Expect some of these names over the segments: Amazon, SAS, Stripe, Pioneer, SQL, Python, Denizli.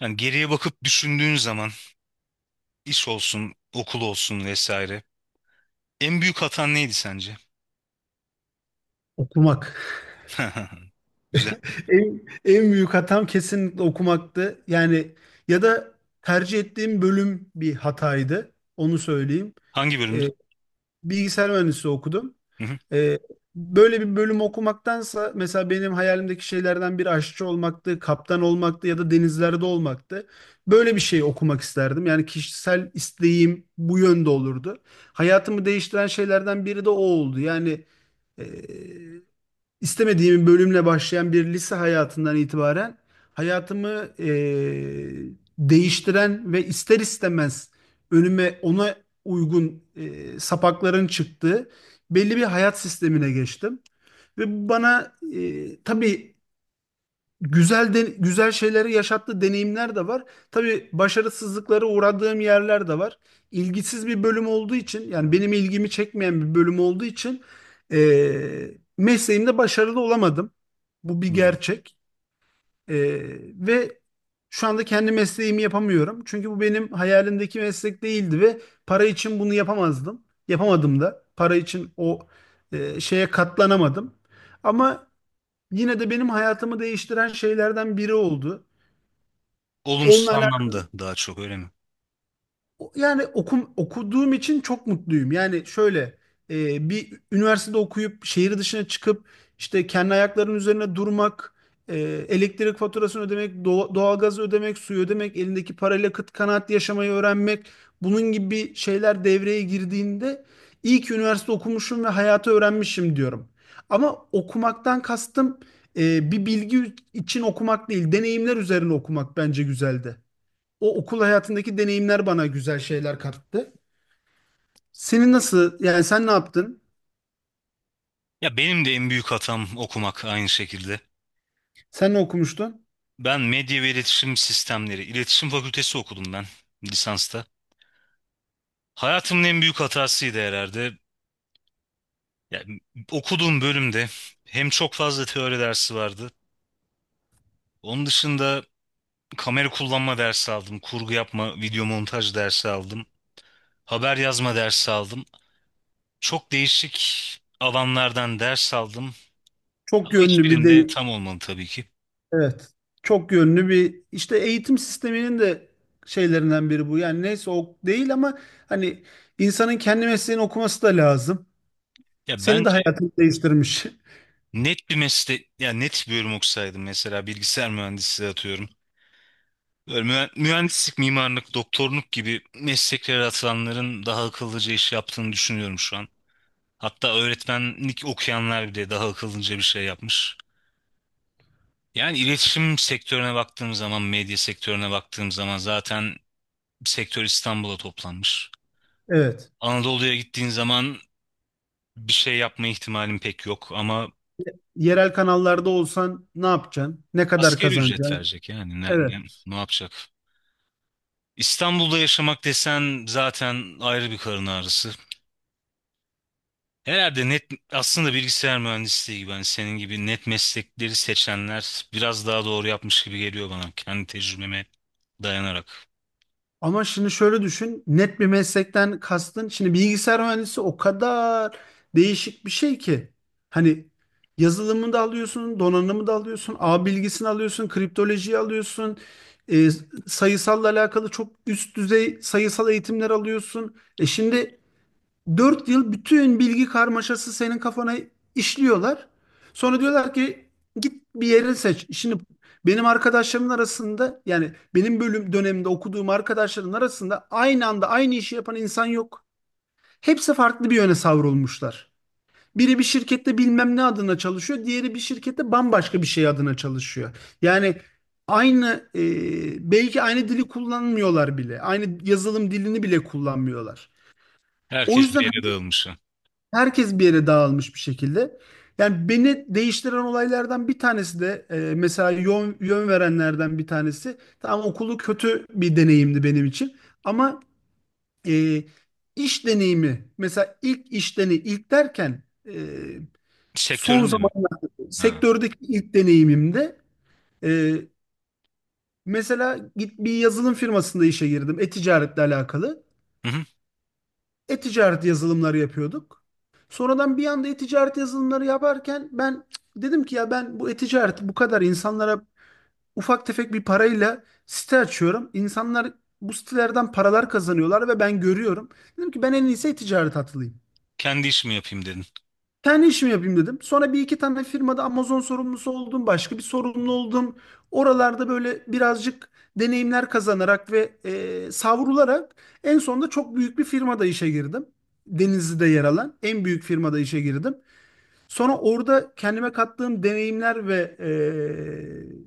Yani geriye bakıp düşündüğün zaman iş olsun, okul olsun vesaire. En büyük hatan neydi sence? Okumak. Güzel. En, en büyük hatam kesinlikle okumaktı. Yani ya da tercih ettiğim bölüm bir hataydı. Onu söyleyeyim. Hangi Ee, bölümdü? Bilgisayar mühendisliği okudum. Hı hı. Ee, Böyle bir bölüm okumaktansa mesela benim hayalimdeki şeylerden biri aşçı olmaktı, kaptan olmaktı ya da denizlerde olmaktı. Böyle bir şey okumak isterdim. Yani kişisel isteğim bu yönde olurdu. Hayatımı değiştiren şeylerden biri de o oldu. Yani e, istemediğim bir bölümle başlayan bir lise hayatından itibaren hayatımı değiştiren ve ister istemez önüme ona uygun sapakların çıktığı belli bir hayat sistemine geçtim. Ve bu bana tabii güzel şeyleri yaşattığı deneyimler de var. Tabii başarısızlıklara uğradığım yerler de var. İlgisiz bir bölüm olduğu için yani benim ilgimi çekmeyen bir bölüm olduğu için e, mesleğimde başarılı olamadım. Bu bir Hmm. gerçek. Ee, ve şu anda kendi mesleğimi yapamıyorum. Çünkü bu benim hayalimdeki meslek değildi ve para için bunu yapamazdım. Yapamadım da. Para için o şeye katlanamadım. Ama yine de benim hayatımı değiştiren şeylerden biri oldu. Olumsuz Onunla anlamda daha çok öyle mi? Yani okuduğum için çok mutluyum. Yani şöyle bir üniversitede okuyup şehir dışına çıkıp işte kendi ayaklarının üzerine durmak, e, elektrik faturasını ödemek, doğalgazı ödemek, suyu ödemek, elindeki parayla kıt kanaat yaşamayı öğrenmek, bunun gibi şeyler devreye girdiğinde iyi ki üniversite okumuşum ve hayatı öğrenmişim diyorum. Ama okumaktan kastım bir bilgi için okumak değil, deneyimler üzerine okumak bence güzeldi o okul hayatındaki deneyimler bana güzel şeyler kattı. Senin nasıl, yani sen ne yaptın? Ya benim de en büyük hatam okumak aynı şekilde. Sen ne okumuştun? Ben medya ve iletişim sistemleri, iletişim fakültesi okudum ben lisansta. Hayatımın en büyük hatasıydı herhalde. Yani okuduğum bölümde hem çok fazla teori dersi vardı. Onun dışında kamera kullanma dersi aldım. Kurgu yapma, video montaj dersi aldım. Haber yazma dersi aldım. Çok değişik alanlardan ders aldım. Çok Ama yönlü bir hiçbirinde de tam olmadı tabii ki. evet. Çok yönlü bir işte eğitim sisteminin de şeylerinden biri bu. Yani neyse o değil ama hani insanın kendi mesleğini okuması da lazım. Ya Seni de bence hayatını değiştirmiş. net bir meslek, ya net bir bölüm okusaydım mesela bilgisayar mühendisliği atıyorum. Böyle mühendislik, mimarlık, doktorluk gibi mesleklere atılanların daha akıllıca iş yaptığını düşünüyorum şu an. Hatta öğretmenlik okuyanlar bile daha akıllıca bir şey yapmış. Yani iletişim sektörüne baktığım zaman, medya sektörüne baktığım zaman zaten sektör İstanbul'a toplanmış. Evet. Anadolu'ya gittiğin zaman bir şey yapma ihtimalin pek yok ama Yerel kanallarda olsan ne yapacaksın? Ne kadar asgari ücret kazanacaksın? verecek yani Evet. Ne yapacak? İstanbul'da yaşamak desen zaten ayrı bir karın ağrısı. Herhalde net aslında bilgisayar mühendisliği gibi hani senin gibi net meslekleri seçenler biraz daha doğru yapmış gibi geliyor bana kendi tecrübeme dayanarak. Ama şimdi şöyle düşün, net bir meslekten kastın. Şimdi bilgisayar mühendisi o kadar değişik bir şey ki. Hani yazılımı da alıyorsun, donanımı da alıyorsun, ağ bilgisini alıyorsun, kriptolojiyi alıyorsun, e, sayısalla alakalı çok üst düzey sayısal eğitimler alıyorsun. Şimdi 4 yıl bütün bilgi karmaşası senin kafana işliyorlar. Sonra diyorlar ki git bir yeri seç. Şimdi benim arkadaşlarımın arasında, yani benim bölüm döneminde okuduğum arkadaşların arasında aynı anda aynı işi yapan insan yok. Hepsi farklı bir yöne savrulmuşlar. Biri bir şirkette bilmem ne adına çalışıyor, diğeri bir şirkette bambaşka bir şey adına çalışıyor. Yani aynı belki aynı dili kullanmıyorlar bile. Aynı yazılım dilini bile kullanmıyorlar. O Herkes bir yüzden yere dağılmış. herkes bir yere dağılmış bir şekilde. Yani beni değiştiren olaylardan bir tanesi de mesela yön verenlerden bir tanesi. Tamam okulu kötü bir deneyimdi benim için. Ama e, iş deneyimi, mesela ilk iş deneyimi, ilk derken e, son Sektörün de mi? zamanlarda Ha. sektördeki ilk deneyimimde e, mesela git bir yazılım firmasında işe girdim. E-ticaretle alakalı. E-ticaret yazılımları yapıyorduk. Sonradan bir anda e-ticaret yazılımları yaparken ben dedim ki ya ben bu e-ticaret bu kadar insanlara ufak tefek bir parayla site açıyorum. İnsanlar bu sitelerden paralar kazanıyorlar ve ben görüyorum. Dedim ki ben en iyisi e-ticaret atılayım. Kendi işimi yapayım dedin. Kendi işimi yapayım dedim. Sonra bir iki tane firmada Amazon sorumlusu oldum. Başka bir sorumlu oldum. Oralarda böyle birazcık deneyimler kazanarak ve savrularak en sonunda çok büyük bir firmada işe girdim. Denizli'de yer alan en büyük firmada işe girdim. Sonra orada kendime kattığım deneyimler ve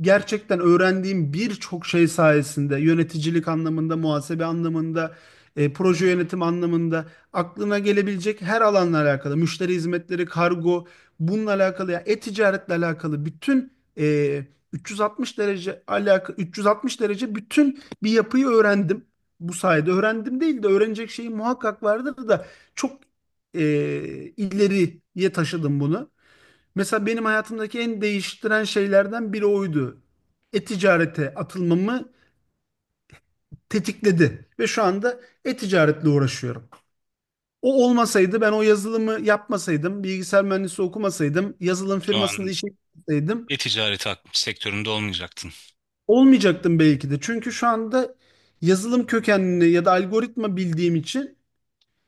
gerçekten öğrendiğim birçok şey sayesinde, yöneticilik anlamında, muhasebe anlamında, proje yönetim anlamında aklına gelebilecek her alanla alakalı, müşteri hizmetleri, kargo, bununla alakalı ya e-ticaretle alakalı bütün e, 360 derece alaka 360 derece bütün bir yapıyı öğrendim. Bu sayede öğrendim değil de öğrenecek şeyim muhakkak vardır da çok e, ileriye taşıdım bunu. Mesela benim hayatımdaki en değiştiren şeylerden biri oydu. E-ticarete atılmamı tetikledi ve şu anda e-ticaretle uğraşıyorum. O olmasaydı, ben o yazılımı yapmasaydım, bilgisayar mühendisi okumasaydım, yazılım Şu firmasında an işe gitseydim e-ticareti sektöründe olmayacaktın. olmayacaktım belki de. Çünkü şu anda yazılım kökenli ya da algoritma bildiğim için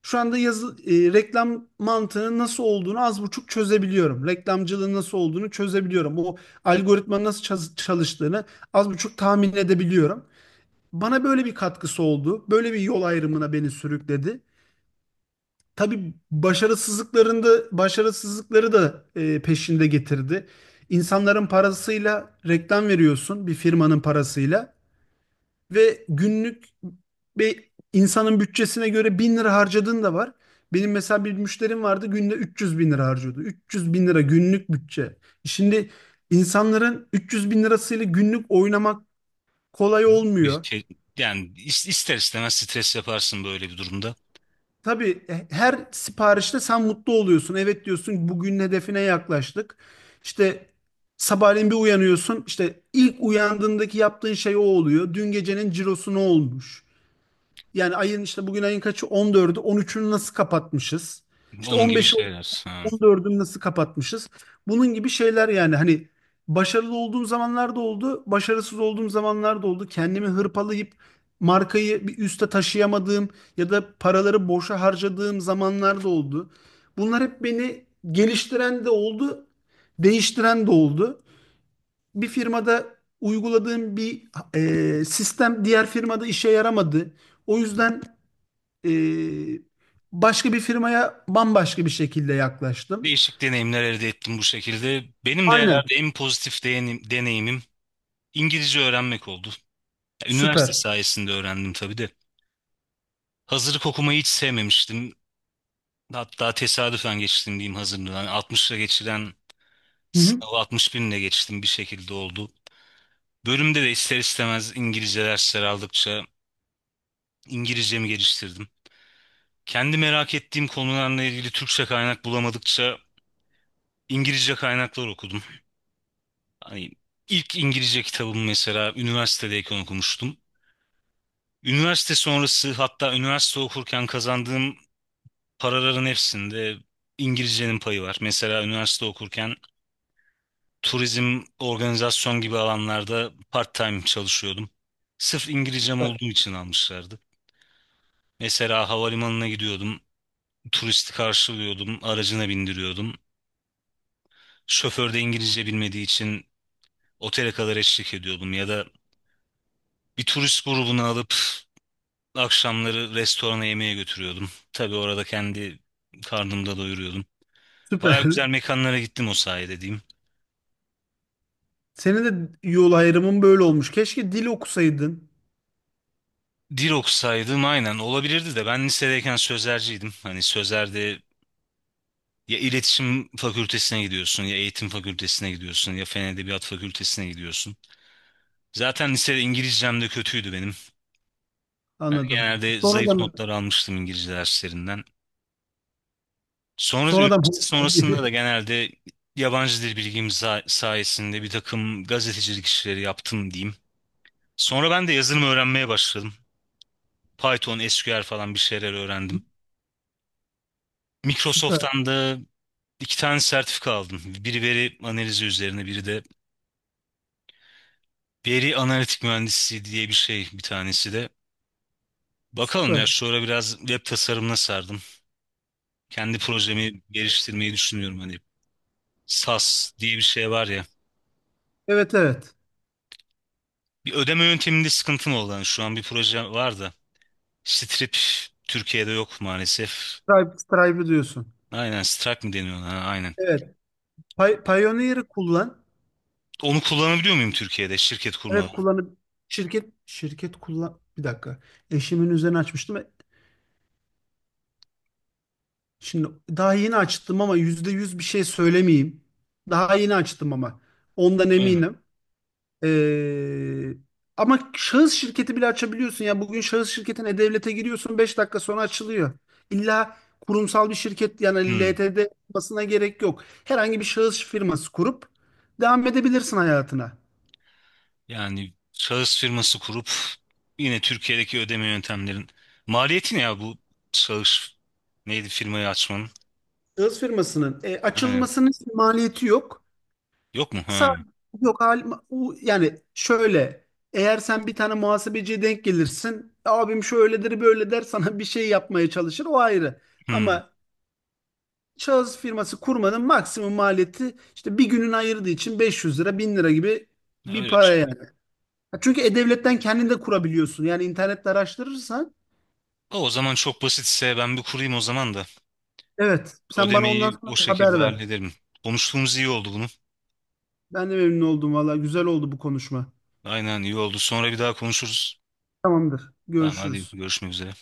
şu anda reklam mantığının nasıl olduğunu az buçuk çözebiliyorum. Reklamcılığın nasıl olduğunu çözebiliyorum. O algoritmanın nasıl çalıştığını az buçuk tahmin edebiliyorum. Bana böyle bir katkısı oldu. Böyle bir yol ayrımına beni sürükledi. Tabii başarısızlıkları da peşinde getirdi. İnsanların parasıyla reklam veriyorsun, bir firmanın parasıyla. Ve günlük bir insanın bütçesine göre 1.000 lira harcadığın da var. Benim mesela bir müşterim vardı, günde 300 bin lira harcıyordu. 300 bin lira günlük bütçe. Şimdi insanların 300 bin lirasıyla günlük oynamak kolay Bir olmuyor. şey, yani ister istemez stres yaparsın böyle bir durumda. Tabii her siparişte sen mutlu oluyorsun. Evet diyorsun, bugün hedefine yaklaştık. İşte sabahleyin bir uyanıyorsun. İşte ilk uyandığındaki yaptığın şey o oluyor. Dün gecenin cirosu ne olmuş? Yani ayın, işte bugün ayın kaçı? 14'ü. 13'ünü nasıl kapatmışız? İşte Onun gibi 15'i şeyler. Ha. 14'ünü nasıl kapatmışız? Bunun gibi şeyler, yani hani başarılı olduğum zamanlar da oldu, başarısız olduğum zamanlar da oldu. Kendimi hırpalayıp markayı bir üste taşıyamadığım ya da paraları boşa harcadığım zamanlar da oldu. Bunlar hep beni geliştiren de oldu, değiştiren de oldu. Bir firmada uyguladığım bir sistem diğer firmada işe yaramadı. O yüzden e, başka bir firmaya bambaşka bir şekilde yaklaştım. Değişik deneyimler elde ettim bu şekilde. Benim de Aynen. herhalde en pozitif deneyimim İngilizce öğrenmek oldu. Üniversite Süper. sayesinde öğrendim tabii de. Hazırlık okumayı hiç sevmemiştim. Hatta tesadüfen geçtim diyeyim hazırlığı. Yani 60'la geçiren Hı hı. sınavı 60 binle geçtim bir şekilde oldu. Bölümde de ister istemez İngilizce dersler aldıkça İngilizcemi geliştirdim. Kendi merak ettiğim konularla ilgili Türkçe kaynak bulamadıkça İngilizce kaynaklar okudum. Hani ilk İngilizce kitabımı mesela üniversitedeyken okumuştum. Üniversite sonrası hatta üniversite okurken kazandığım paraların hepsinde İngilizcenin payı var. Mesela üniversite okurken turizm, organizasyon gibi alanlarda part-time çalışıyordum. Sırf İngilizcem olduğu için almışlardı. Mesela havalimanına gidiyordum, turisti karşılıyordum, aracına bindiriyordum. Şoför de İngilizce bilmediği için otele kadar eşlik ediyordum ya da bir turist grubunu alıp akşamları restorana yemeğe götürüyordum. Tabii orada kendi karnımda doyuruyordum. Baya Süper. güzel mekanlara gittim o sayede diyeyim. Senin de yol ayrımın böyle olmuş. Keşke dil okusaydın. Dil okusaydım aynen olabilirdi de ben lisedeyken sözelciydim. Hani sözelde ya iletişim fakültesine gidiyorsun ya eğitim fakültesine gidiyorsun ya fen edebiyat fakültesine gidiyorsun. Zaten lisede İngilizcem de kötüydü benim. Yani Anladım. genelde zayıf Sonradan notlar almıştım İngilizce derslerinden. Sonra sonradan üniversite sonrasında da hobi. genelde yabancı dil bilgim sayesinde bir takım gazetecilik işleri yaptım diyeyim. Sonra ben de yazılım öğrenmeye başladım. Python, SQL falan bir şeyler öğrendim. Süper. Microsoft'tan da iki tane sertifika aldım. Biri veri analizi üzerine, biri de veri analitik mühendisliği diye bir şey bir tanesi de. Bakalım ya Süper. şu ara biraz web tasarımına sardım. Kendi projemi geliştirmeyi düşünüyorum hani. SAS diye bir şey var ya. Evet, evet. Bir ödeme yönteminde sıkıntım oldu. Yani şu an bir proje var da. Strip Türkiye'de yok maalesef. Stripe, Stripe'ı diyorsun. Aynen, strike mi deniyor ona? Ha, aynen. Evet. Pioneer'ı kullan. Onu kullanabiliyor muyum Türkiye'de şirket kurmadan? Evet, kullanıp şirket kullan. Bir dakika. Eşimin üzerine açmıştım. Şimdi daha yeni açtım ama %100 bir şey söylemeyeyim. Daha yeni açtım ama ondan Öyle mi? eminim. Ee, Ama şahıs şirketi bile açabiliyorsun ya. Bugün şahıs şirketine devlete giriyorsun, 5 dakika sonra açılıyor. İlla kurumsal bir şirket, yani Hmm. LTD olmasına gerek yok. Herhangi bir şahıs firması kurup devam edebilirsin hayatına. Yani şahıs firması kurup yine Türkiye'deki ödeme yöntemlerin maliyeti ne ya bu şahıs neydi firmayı açmanın? Şahıs firmasının Aynen. açılmasının maliyeti yok. Yok mu? Sa- Ha. Yok halim, yani şöyle, eğer sen bir tane muhasebeciye denk gelirsin abim şöyledir böyle der, sana bir şey yapmaya çalışır, o ayrı. Hmm. Ama şahıs firması kurmanın maksimum maliyeti işte bir günün ayırdığı için 500 lira 1.000 lira gibi bir Öyle bir para şey. yani. Çünkü e-devletten kendin de kurabiliyorsun, yani internette araştırırsan O zaman çok basitse ben bir kurayım o zaman da evet, sen bana ondan ödemeyi o sonra bir şekilde haber ver. hallederim. Konuştuğumuz iyi oldu bunu. Ben de memnun oldum valla, güzel oldu bu konuşma. Aynen, iyi oldu. Sonra bir daha konuşuruz. Tamamdır, Tamam hadi görüşürüz. görüşmek üzere.